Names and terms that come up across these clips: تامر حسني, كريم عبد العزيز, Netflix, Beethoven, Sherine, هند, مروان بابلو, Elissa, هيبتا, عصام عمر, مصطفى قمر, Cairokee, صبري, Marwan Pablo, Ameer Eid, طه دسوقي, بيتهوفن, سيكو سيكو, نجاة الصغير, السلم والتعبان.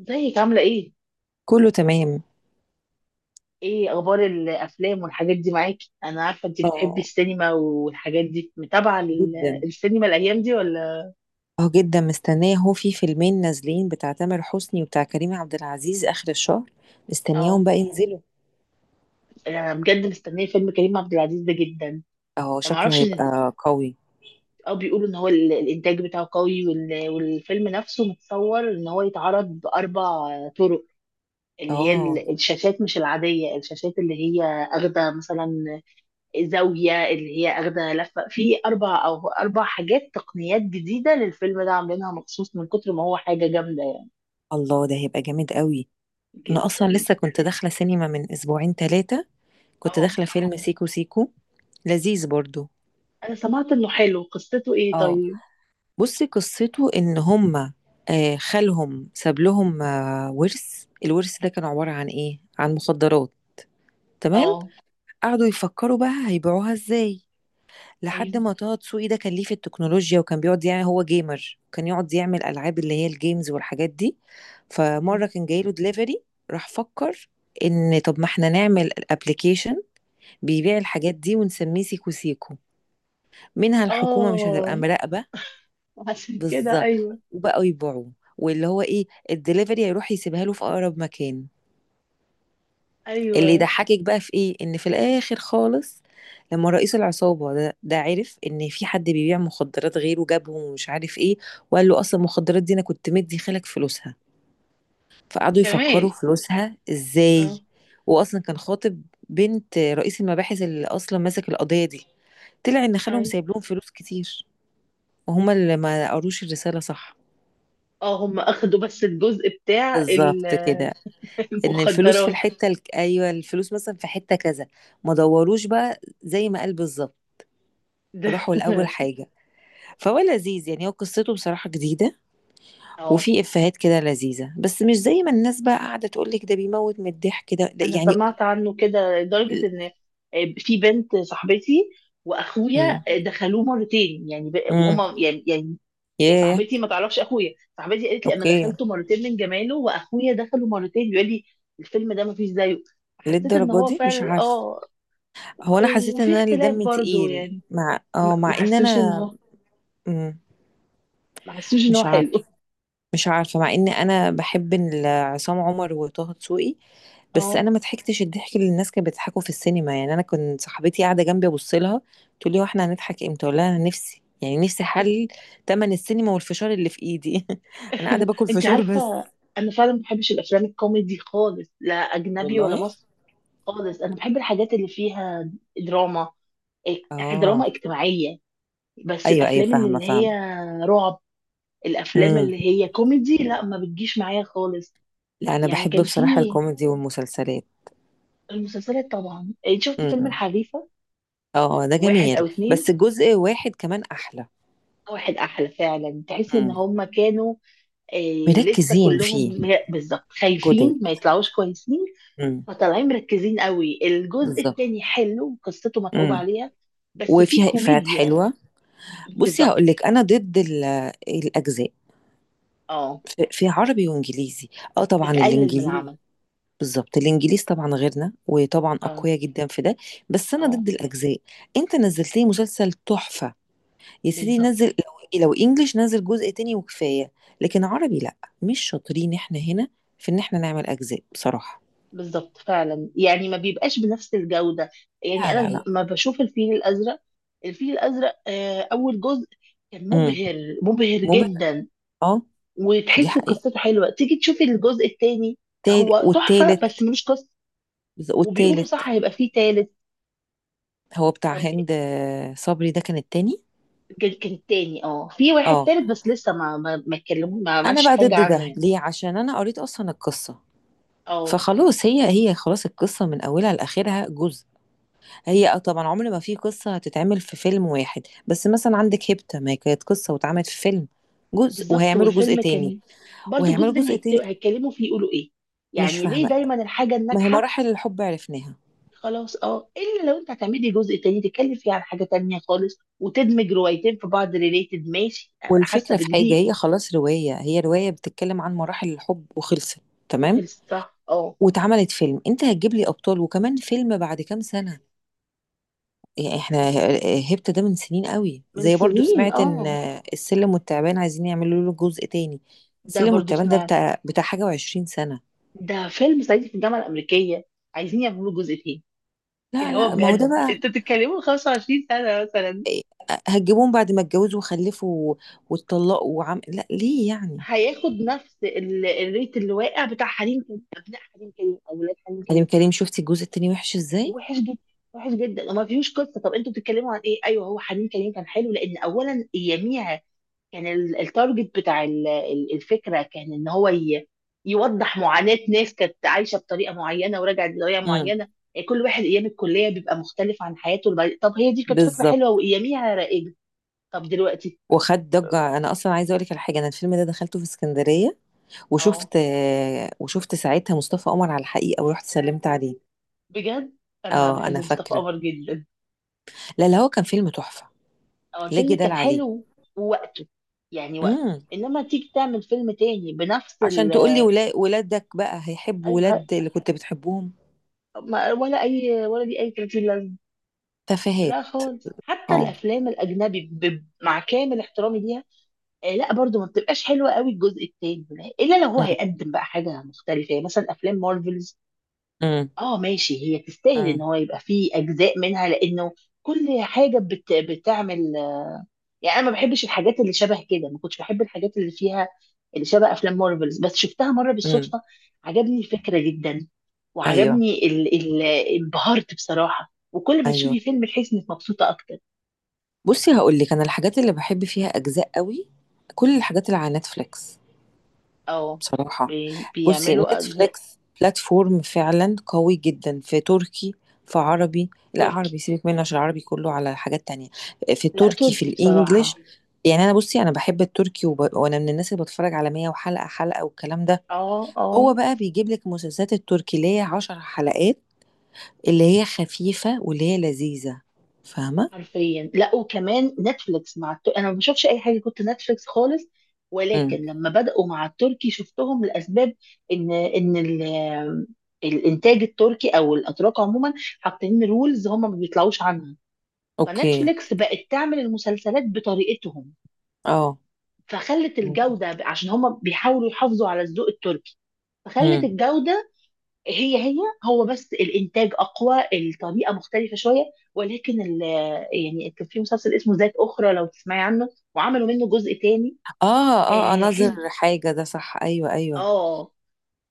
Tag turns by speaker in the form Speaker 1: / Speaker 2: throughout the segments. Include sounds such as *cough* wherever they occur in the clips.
Speaker 1: ازيك عاملة ايه؟
Speaker 2: كله تمام.
Speaker 1: ايه اخبار الافلام والحاجات دي معاكي؟ انا عارفة انت بتحبي
Speaker 2: اه
Speaker 1: السينما والحاجات دي متابعة
Speaker 2: جدا.
Speaker 1: السينما الايام دي ولا؟
Speaker 2: اه جدا، مستنية. هو في فيلمين نازلين بتاع تامر حسني وبتاع كريم عبد العزيز آخر الشهر. مستنياهم
Speaker 1: اه.
Speaker 2: بقى ينزلوا.
Speaker 1: انا بجد مستنية فيلم كريم عبد العزيز ده جدا.
Speaker 2: اه
Speaker 1: ما
Speaker 2: شكله
Speaker 1: اعرفش ان
Speaker 2: هيبقى قوي.
Speaker 1: اه، بيقولوا ان هو الانتاج بتاعه قوي والفيلم نفسه متصور ان هو يتعرض باربع طرق، اللي هي
Speaker 2: اه
Speaker 1: الشاشات مش العادية، الشاشات اللي هي اخدة مثلا، زاوية اللي هي أخدة لفة في أربع حاجات تقنيات جديدة للفيلم ده، عاملينها مخصوص من كتر ما هو حاجة جامدة يعني.
Speaker 2: الله، ده هيبقى جامد قوي. انا اصلا
Speaker 1: جدا.
Speaker 2: لسه كنت داخلة سينما من اسبوعين ثلاثة. كنت
Speaker 1: اه،
Speaker 2: داخلة فيلم سيكو سيكو، لذيذ برضو.
Speaker 1: أنا سمعت إنه حلو. قصته إيه
Speaker 2: اه،
Speaker 1: طيب؟
Speaker 2: بصي قصته ان هما، آه، خالهم ساب لهم، آه، ورث. الورث ده كان عبارة عن ايه؟ عن مخدرات. تمام.
Speaker 1: اه.
Speaker 2: قعدوا يفكروا بقى هيبيعوها ازاي. لحد
Speaker 1: أيوه.
Speaker 2: ما طه دسوقي ده كان ليه في التكنولوجيا، وكان بيقعد، يعني هو جيمر، كان يقعد يعمل العاب اللي هي الجيمز والحاجات دي. فمره كان جايله دليفري، راح فكر ان طب ما احنا نعمل ابلكيشن بيبيع الحاجات دي ونسميه سيكو سيكو. منها الحكومه مش هتبقى
Speaker 1: اه.
Speaker 2: مراقبه.
Speaker 1: عشان كده
Speaker 2: بالظبط.
Speaker 1: أيوه.
Speaker 2: وبقوا يبيعوه، واللي هو ايه، الدليفري هيروح يسيبها له في اقرب مكان. اللي
Speaker 1: أيوه.
Speaker 2: يضحكك بقى في ايه، ان في الاخر خالص، لما رئيس العصابة ده عرف ان في حد بيبيع مخدرات غيره، جابهم ومش عارف ايه. وقال له اصلا المخدرات دي انا كنت مدي خالك فلوسها. فقعدوا
Speaker 1: كمان
Speaker 2: يفكروا فلوسها ازاي.
Speaker 1: اه.
Speaker 2: واصلا كان خاطب بنت رئيس المباحث اللي اصلا ماسك القضية دي. طلع ان خالهم
Speaker 1: أيوه.
Speaker 2: سايب لهم فلوس كتير، وهما اللي ما قروش الرسالة صح.
Speaker 1: اه. هم أخدوا بس الجزء بتاع
Speaker 2: بالظبط كده،
Speaker 1: *laughs*
Speaker 2: ان الفلوس في
Speaker 1: المخدرات
Speaker 2: ايوه، الفلوس مثلا في حتة كذا. ما دوروش بقى زي ما قال بالظبط.
Speaker 1: ده.
Speaker 2: راحوا لأول
Speaker 1: *laughs*
Speaker 2: حاجة. فهو لذيذ يعني، هو قصته بصراحة جديدة،
Speaker 1: اه،
Speaker 2: وفي إفيهات كده لذيذة. بس مش زي ما الناس بقى قاعدة تقولك ده بيموت من الضحك، ده
Speaker 1: انا
Speaker 2: يعني.
Speaker 1: سمعت عنه كده لدرجه ان في بنت صاحبتي واخويا
Speaker 2: امم
Speaker 1: دخلوه مرتين يعني
Speaker 2: امم
Speaker 1: وهما يعني
Speaker 2: ياه.
Speaker 1: صاحبتي ما تعرفش اخويا، صاحبتي قالت لي انا
Speaker 2: اوكي،
Speaker 1: دخلته مرتين من جماله واخويا دخله مرتين بيقول لي الفيلم ده ما فيش زيه. حسيت ان
Speaker 2: للدرجة
Speaker 1: هو
Speaker 2: دي مش
Speaker 1: فعلا
Speaker 2: عارفة.
Speaker 1: اه،
Speaker 2: هو أنا حسيت إن
Speaker 1: وفي
Speaker 2: أنا اللي
Speaker 1: اختلاف
Speaker 2: دمي
Speaker 1: برضو
Speaker 2: تقيل،
Speaker 1: يعني.
Speaker 2: مع
Speaker 1: ما ما
Speaker 2: مع إن
Speaker 1: حسوش ان
Speaker 2: أنا.
Speaker 1: هو،
Speaker 2: مم.
Speaker 1: ما حسوش ان هو
Speaker 2: مش
Speaker 1: حلو.
Speaker 2: عارفة، مش عارفة. مع ان انا بحب عصام عمر وطه دسوقي.
Speaker 1: *laughs*
Speaker 2: بس
Speaker 1: اه.
Speaker 2: انا ما ضحكتش الضحك اللي الناس كانت بتضحكه في السينما. يعني انا كنت صاحبتي قاعدة جنبي ابص لها، تقول لي هو احنا هنضحك امتى؟ اقول لها انا نفسي، يعني نفسي حل تمن السينما والفشار اللي في ايدي *laughs* انا قاعدة باكل
Speaker 1: انت
Speaker 2: فشار بس.
Speaker 1: عارفه، انا فعلا ما بحبش الافلام الكوميدي خالص، لا اجنبي ولا
Speaker 2: والله.
Speaker 1: مصري خالص. انا بحب الحاجات اللي فيها دراما،
Speaker 2: اه.
Speaker 1: دراما اجتماعيه. بس
Speaker 2: ايوه ايوه،
Speaker 1: الافلام
Speaker 2: فاهمة
Speaker 1: اللي هي
Speaker 2: فاهمة.
Speaker 1: رعب، الافلام
Speaker 2: امم
Speaker 1: اللي هي كوميدي لا، ما بتجيش معايا خالص.
Speaker 2: لا انا
Speaker 1: يعني
Speaker 2: بحب
Speaker 1: كان
Speaker 2: بصراحة
Speaker 1: في
Speaker 2: الكوميدي والمسلسلات.
Speaker 1: المسلسلات طبعا. شفت فيلم
Speaker 2: امم
Speaker 1: الحريفه؟
Speaker 2: اه ده
Speaker 1: واحد
Speaker 2: جميل،
Speaker 1: او اتنين؟
Speaker 2: بس جزء واحد كمان احلى.
Speaker 1: واحد احلى فعلا. تحس ان
Speaker 2: امم
Speaker 1: هم كانوا لسه
Speaker 2: مركزين فيه.
Speaker 1: كلهم، لا بالظبط،
Speaker 2: جدد.
Speaker 1: خايفين ما يطلعوش كويسين،
Speaker 2: امم
Speaker 1: فطالعين مركزين قوي. الجزء
Speaker 2: بالظبط.
Speaker 1: التاني حلو، قصته متعوب
Speaker 2: امم
Speaker 1: عليها، بس في
Speaker 2: وفيها إفيهات
Speaker 1: كوميديا.
Speaker 2: حلوة. بصي
Speaker 1: بالظبط.
Speaker 2: هقول لك، أنا ضد الأجزاء،
Speaker 1: اه،
Speaker 2: في عربي وإنجليزي. أه طبعا
Speaker 1: بتقلل من
Speaker 2: الإنجليزي.
Speaker 1: العمل.
Speaker 2: بالظبط، الإنجليز طبعا غيرنا وطبعا
Speaker 1: اه
Speaker 2: أقوياء جدا في ده. بس أنا
Speaker 1: اه،
Speaker 2: ضد الأجزاء. أنت نزلت لي مسلسل تحفة يا سيدي،
Speaker 1: بالظبط.
Speaker 2: نزل لو، إيه، لو إنجليش، نزل جزء تاني وكفاية. لكن عربي لأ، مش شاطرين إحنا هنا في إن إحنا نعمل أجزاء بصراحة.
Speaker 1: بالظبط فعلا، يعني ما بيبقاش بنفس الجودة. يعني
Speaker 2: لا لا
Speaker 1: انا
Speaker 2: لا.
Speaker 1: ما بشوف الفيل الازرق، الفيل الازرق اول جزء كان
Speaker 2: امم
Speaker 1: مبهر، مبهر
Speaker 2: ممل.
Speaker 1: جدا،
Speaker 2: أه. دي
Speaker 1: وتحس
Speaker 2: حقيقة.
Speaker 1: قصته حلوة. تيجي تشوفي الجزء الثاني، هو تحفة
Speaker 2: والتالت.
Speaker 1: بس ملوش قصة. وبيقولوا
Speaker 2: والتالت.
Speaker 1: صح هيبقى فيه تالت؟
Speaker 2: هو بتاع
Speaker 1: طب،
Speaker 2: هند، آه، صبري، ده كان التاني.
Speaker 1: كان التاني اه، في واحد
Speaker 2: اه
Speaker 1: تالت بس لسه ما اتكلموا، ما
Speaker 2: انا
Speaker 1: عملش
Speaker 2: بقى
Speaker 1: حاجة
Speaker 2: ضد
Speaker 1: عنه
Speaker 2: ده
Speaker 1: يعني.
Speaker 2: ليه، عشان انا قريت اصلا القصه.
Speaker 1: اه.
Speaker 2: فخلاص هي خلاص، القصه من اولها لاخرها جزء. هي، اه طبعا، عمر ما في قصه هتتعمل في فيلم واحد. بس مثلا عندك هيبتا، ما هي كانت قصه واتعملت في فيلم جزء،
Speaker 1: بالظبط.
Speaker 2: وهيعملوا جزء
Speaker 1: والفيلم
Speaker 2: تاني
Speaker 1: كان برضو الجزء
Speaker 2: وهيعملوا
Speaker 1: التاني
Speaker 2: جزء تاني
Speaker 1: هيتكلموا فيه يقولوا ايه؟
Speaker 2: مش
Speaker 1: يعني ليه
Speaker 2: فاهمه.
Speaker 1: دايما الحاجة
Speaker 2: ما هي
Speaker 1: الناجحة؟
Speaker 2: مراحل الحب عرفناها.
Speaker 1: خلاص اه، الا لو انت هتعملي جزء تاني تتكلم فيه عن حاجة تانية خالص، وتدمج روايتين في بعض ريليتد، ماشي ابقى حاسة
Speaker 2: والفكره في حاجه،
Speaker 1: بجديد.
Speaker 2: هي خلاص، روايه، هي روايه بتتكلم عن مراحل الحب وخلصت. تمام.
Speaker 1: وخلصت صح اه.
Speaker 2: واتعملت فيلم، انت هتجيب لي ابطال وكمان فيلم بعد كام سنه؟ يعني احنا، آه، هبت ده من سنين قوي.
Speaker 1: من
Speaker 2: زي برضو
Speaker 1: سنين
Speaker 2: سمعت ان
Speaker 1: اه.
Speaker 2: السلم والتعبان عايزين يعملوا له جزء تاني.
Speaker 1: ده
Speaker 2: السلم
Speaker 1: برضو
Speaker 2: والتعبان ده
Speaker 1: سمعت.
Speaker 2: بتاع حاجة و20 سنة.
Speaker 1: ده فيلم صعيدي في الجامعة الأمريكية، عايزين يعملوا جزء تاني.
Speaker 2: لا
Speaker 1: اللي هو
Speaker 2: لا، ما هو ده
Speaker 1: بجد
Speaker 2: بقى
Speaker 1: انتوا بتتكلموا 25 سنة مثلا؟
Speaker 2: إيه، هتجيبوهم بعد ما اتجوزوا وخلفوا واتطلقوا وعم لا، ليه يعني.
Speaker 1: هياخد نفس الريت اللي واقع بتاع حريم كريم، ابناء حريم كريم، اولاد حريم
Speaker 2: أنا
Speaker 1: كريم.
Speaker 2: كريم شفتي الجزء التاني وحش ازاي.
Speaker 1: وحش جدا. وحش جدا وما فيهوش قصه. طب انتوا بتتكلموا عن ايه؟ ايوه، هو حريم كريم كان حلو لان اولا يميع، كان التارجت بتاع الفكره كان ان هو يوضح معاناه ناس كانت عايشه بطريقه معينه ورجعت بطريقه
Speaker 2: امم
Speaker 1: معينه. كل واحد ايام الكليه بيبقى مختلف عن حياته طب هي دي كانت فكره حلوه
Speaker 2: بالظبط.
Speaker 1: واياميها رائجه. طب دلوقتي؟
Speaker 2: وخد ضجة. أنا أصلا عايزة أقولك على حاجة، أنا الفيلم ده دخلته في اسكندرية، وشفت،
Speaker 1: اه
Speaker 2: آه، وشفت ساعتها مصطفى قمر على الحقيقة ورحت سلمت عليه.
Speaker 1: بجد، انا
Speaker 2: اه
Speaker 1: بحب
Speaker 2: أنا
Speaker 1: مصطفى
Speaker 2: فاكرة.
Speaker 1: قمر جدا.
Speaker 2: لا لا، هو كان فيلم تحفة،
Speaker 1: هو
Speaker 2: لا
Speaker 1: الفيلم
Speaker 2: جدال
Speaker 1: كان
Speaker 2: عليه.
Speaker 1: حلو ووقته، يعني وقته.
Speaker 2: امم
Speaker 1: انما تيجي تعمل فيلم تاني بنفس
Speaker 2: عشان
Speaker 1: ال،
Speaker 2: تقول لي ولادك بقى هيحبوا
Speaker 1: أي ه-
Speaker 2: ولاد اللي كنت بتحبهم.
Speaker 1: ما- ولا اي ولا دي اي 30 لازمه.
Speaker 2: تفاهات.
Speaker 1: لا خالص، حتى
Speaker 2: اه.
Speaker 1: الافلام الاجنبي مع كامل احترامي ليها لا، برضو ما بتبقاش حلوه قوي الجزء التاني، لا، الا لو هو
Speaker 2: امم
Speaker 1: هيقدم بقى حاجه مختلفه. يعني مثلا افلام مارفلز،
Speaker 2: امم
Speaker 1: اه ماشي، هي تستاهل ان
Speaker 2: امم
Speaker 1: هو يبقى فيه اجزاء منها، لانه كل حاجه بتعمل، يعني انا ما بحبش الحاجات اللي شبه كده، ما كنتش بحب الحاجات اللي فيها اللي شبه افلام مارفلز، بس شفتها مره
Speaker 2: امم
Speaker 1: بالصدفه، عجبني الفكره جدا،
Speaker 2: ايوه
Speaker 1: وعجبني انبهرت بصراحه. وكل ما
Speaker 2: ايوه.
Speaker 1: تشوفي فيلم تحسي انك مبسوطه اكتر.
Speaker 2: بصي هقول لك، انا الحاجات اللي بحب فيها اجزاء قوي، كل الحاجات اللي على نتفليكس
Speaker 1: اه،
Speaker 2: بصراحة. بُصّي
Speaker 1: بيعملوا أجزاء.
Speaker 2: Netflix platform فعلًا قوي جدًا في تركي، في عربي لأ،
Speaker 1: تركي؟
Speaker 2: عربي سيبِك منه عشان العربي كله على حاجات تانية، في
Speaker 1: لا
Speaker 2: التركي، في
Speaker 1: تركي
Speaker 2: الEnglish.
Speaker 1: بصراحه
Speaker 2: يعني أنا بُصّي، أنا باحب التركي، وأنا من الناس اللي باتفرّج على 100 وحلقة حلقة والكلام ده.
Speaker 1: اه اه،
Speaker 2: هو بقى بيجيب لِك المسلسلات التركي اللي هي 10 حلقات، اللي هي خفيفة، واللي هي لذيذة، فاهمة؟
Speaker 1: حرفيا. لا، وكمان نتفليكس مع انا ما بشوفش اي حاجه كنت نتفليكس خالص، ولكن
Speaker 2: إمم.
Speaker 1: لما بدأوا مع التركي شفتهم لاسباب. ان الانتاج التركي او الاتراك عموما حاطين رولز هم ما بيطلعوش عنها،
Speaker 2: أوكي.
Speaker 1: فنتفليكس بقت تعمل المسلسلات بطريقتهم،
Speaker 2: آه.
Speaker 1: فخلت
Speaker 2: إمم.
Speaker 1: الجوده، عشان هم بيحاولوا يحافظوا على الذوق التركي، فخلت
Speaker 2: إمم.
Speaker 1: الجوده هي هي، هو بس الانتاج اقوى، الطريقه مختلفه شويه. ولكن يعني كان في مسلسل اسمه ذات اخرى، لو تسمعي عنه، وعملوا منه جزء تاني.
Speaker 2: آه. آه،
Speaker 1: آه
Speaker 2: ناظر
Speaker 1: حلو.
Speaker 2: حاجة ده، صح، أيوه،
Speaker 1: اه.
Speaker 2: أيوه.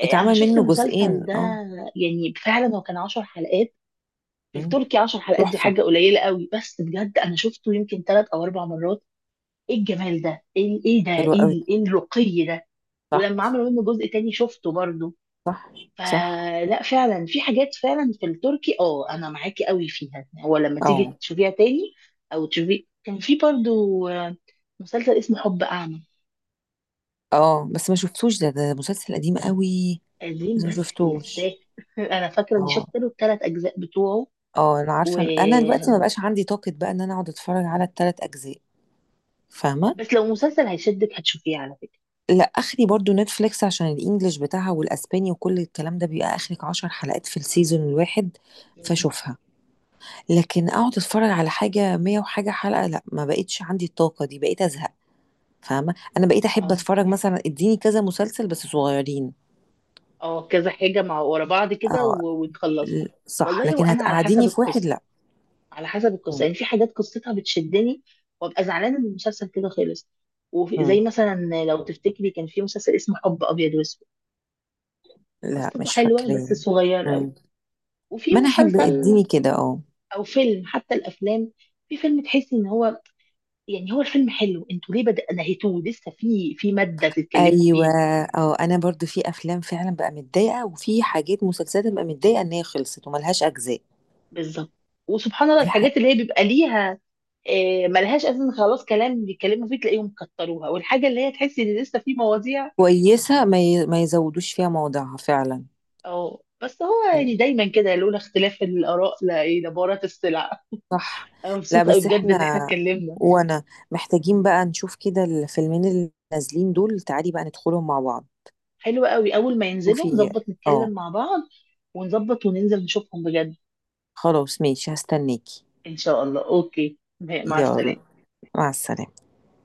Speaker 1: انا
Speaker 2: اتعمل
Speaker 1: شفت
Speaker 2: منه
Speaker 1: المسلسل
Speaker 2: جزئين،
Speaker 1: ده،
Speaker 2: اه.
Speaker 1: يعني فعلا هو كان 10 حلقات.
Speaker 2: مم.
Speaker 1: التركي 10 حلقات دي
Speaker 2: تحفة.
Speaker 1: حاجه قليله قوي، بس بجد انا شفته يمكن ثلاث او اربع مرات. ايه الجمال ده، ايه، إيه ده،
Speaker 2: حلو
Speaker 1: ايه
Speaker 2: قوي.
Speaker 1: إيه الرقي ده. ولما
Speaker 2: صح.
Speaker 1: عملوا منه جزء تاني شفته برضه،
Speaker 2: صح. صح.
Speaker 1: فلا فعلا في حاجات فعلا في التركي. اه، انا معاكي قوي فيها. هو لما تيجي
Speaker 2: اه.
Speaker 1: تشوفيها تاني او تشوفي، كان في برضو مسلسل اسمه حب اعمى،
Speaker 2: اه بس ما شفتوش ده، مسلسل قديم قوي.
Speaker 1: قديم
Speaker 2: بس ما
Speaker 1: بس
Speaker 2: شفتوش.
Speaker 1: يستاهل. *laughs* انا فاكره اني
Speaker 2: اه.
Speaker 1: شفت له الثلاث اجزاء بتوعه
Speaker 2: اه انا
Speaker 1: و،
Speaker 2: عارفة انا دلوقتي ما بقاش عندي طاقة بقى ان انا اقعد اتفرج على الـ3 اجزاء. فاهمة.
Speaker 1: بس لو مسلسل هيشدك هتشوفيه على فكره.
Speaker 2: لا اخري برضو نتفليكس عشان الانجليش بتاعها والاسباني وكل الكلام ده بيبقى اخرك 10 حلقات في السيزون الواحد، فاشوفها. لكن اقعد اتفرج على حاجة مية وحاجة حلقة لا، ما بقتش عندي الطاقة دي، بقيت ازهق. فاهمة، أنا بقيت أحب
Speaker 1: اه
Speaker 2: أتفرج مثلا اديني كذا مسلسل بس صغيرين.
Speaker 1: اه، كذا حاجه مع ورا بعض كده
Speaker 2: اه
Speaker 1: ونخلصهم.
Speaker 2: صح.
Speaker 1: والله،
Speaker 2: لكن
Speaker 1: وانا على حسب
Speaker 2: هتقعديني في واحد
Speaker 1: القصه،
Speaker 2: لا.
Speaker 1: على حسب القصه،
Speaker 2: مم.
Speaker 1: يعني في حاجات قصتها بتشدني وابقى زعلانه ان المسلسل كده خلص. وفي
Speaker 2: مم.
Speaker 1: زي مثلا، لو تفتكري كان في مسلسل اسمه حب ابيض واسود،
Speaker 2: لا
Speaker 1: قصته
Speaker 2: مش
Speaker 1: حلوه
Speaker 2: فاكراه.
Speaker 1: بس صغير قوي.
Speaker 2: مم.
Speaker 1: وفي
Speaker 2: ما أنا أحب
Speaker 1: مسلسل
Speaker 2: اديني كده. اه.
Speaker 1: او فيلم، حتى الافلام، في فيلم تحسي ان هو يعني، هو الفيلم حلو، انتوا ليه بدأ نهيتوه؟ لسه في ماده تتكلموا
Speaker 2: ايوه.
Speaker 1: فيها.
Speaker 2: اه انا برضو في افلام فعلا بقى متضايقه، وفي حاجات مسلسلات بقى متضايقه ان هي خلصت وملهاش اجزاء.
Speaker 1: بالظبط. وسبحان الله
Speaker 2: دي حاجه
Speaker 1: الحاجات اللي هي بيبقى ليها ملهاش اساس خلاص كلام بيتكلموا فيه تلاقيهم كتروها، والحاجه اللي هي تحسي ان لسه في مواضيع،
Speaker 2: كويسه، ما يزودوش فيها موضوعها فعلا.
Speaker 1: اه. بس هو يعني دايما كده، لولا اختلاف الآراء لا ايه لبارت السلع.
Speaker 2: صح.
Speaker 1: انا
Speaker 2: لا
Speaker 1: مبسوطة قوي
Speaker 2: بس
Speaker 1: بجد
Speaker 2: احنا،
Speaker 1: ان احنا اتكلمنا.
Speaker 2: وانا، محتاجين بقى نشوف كده الفيلمين اللي نازلين دول. تعالي بقى ندخلهم مع بعض.
Speaker 1: حلو قوي، اول ما ينزلوا
Speaker 2: شوفي.
Speaker 1: نظبط نتكلم
Speaker 2: اه.
Speaker 1: مع بعض ونظبط وننزل نشوفهم بجد.
Speaker 2: خلاص ماشي، هستناكي.
Speaker 1: ان شاء الله، اوكي، مع
Speaker 2: يلا.
Speaker 1: السلامة.
Speaker 2: مع السلامة.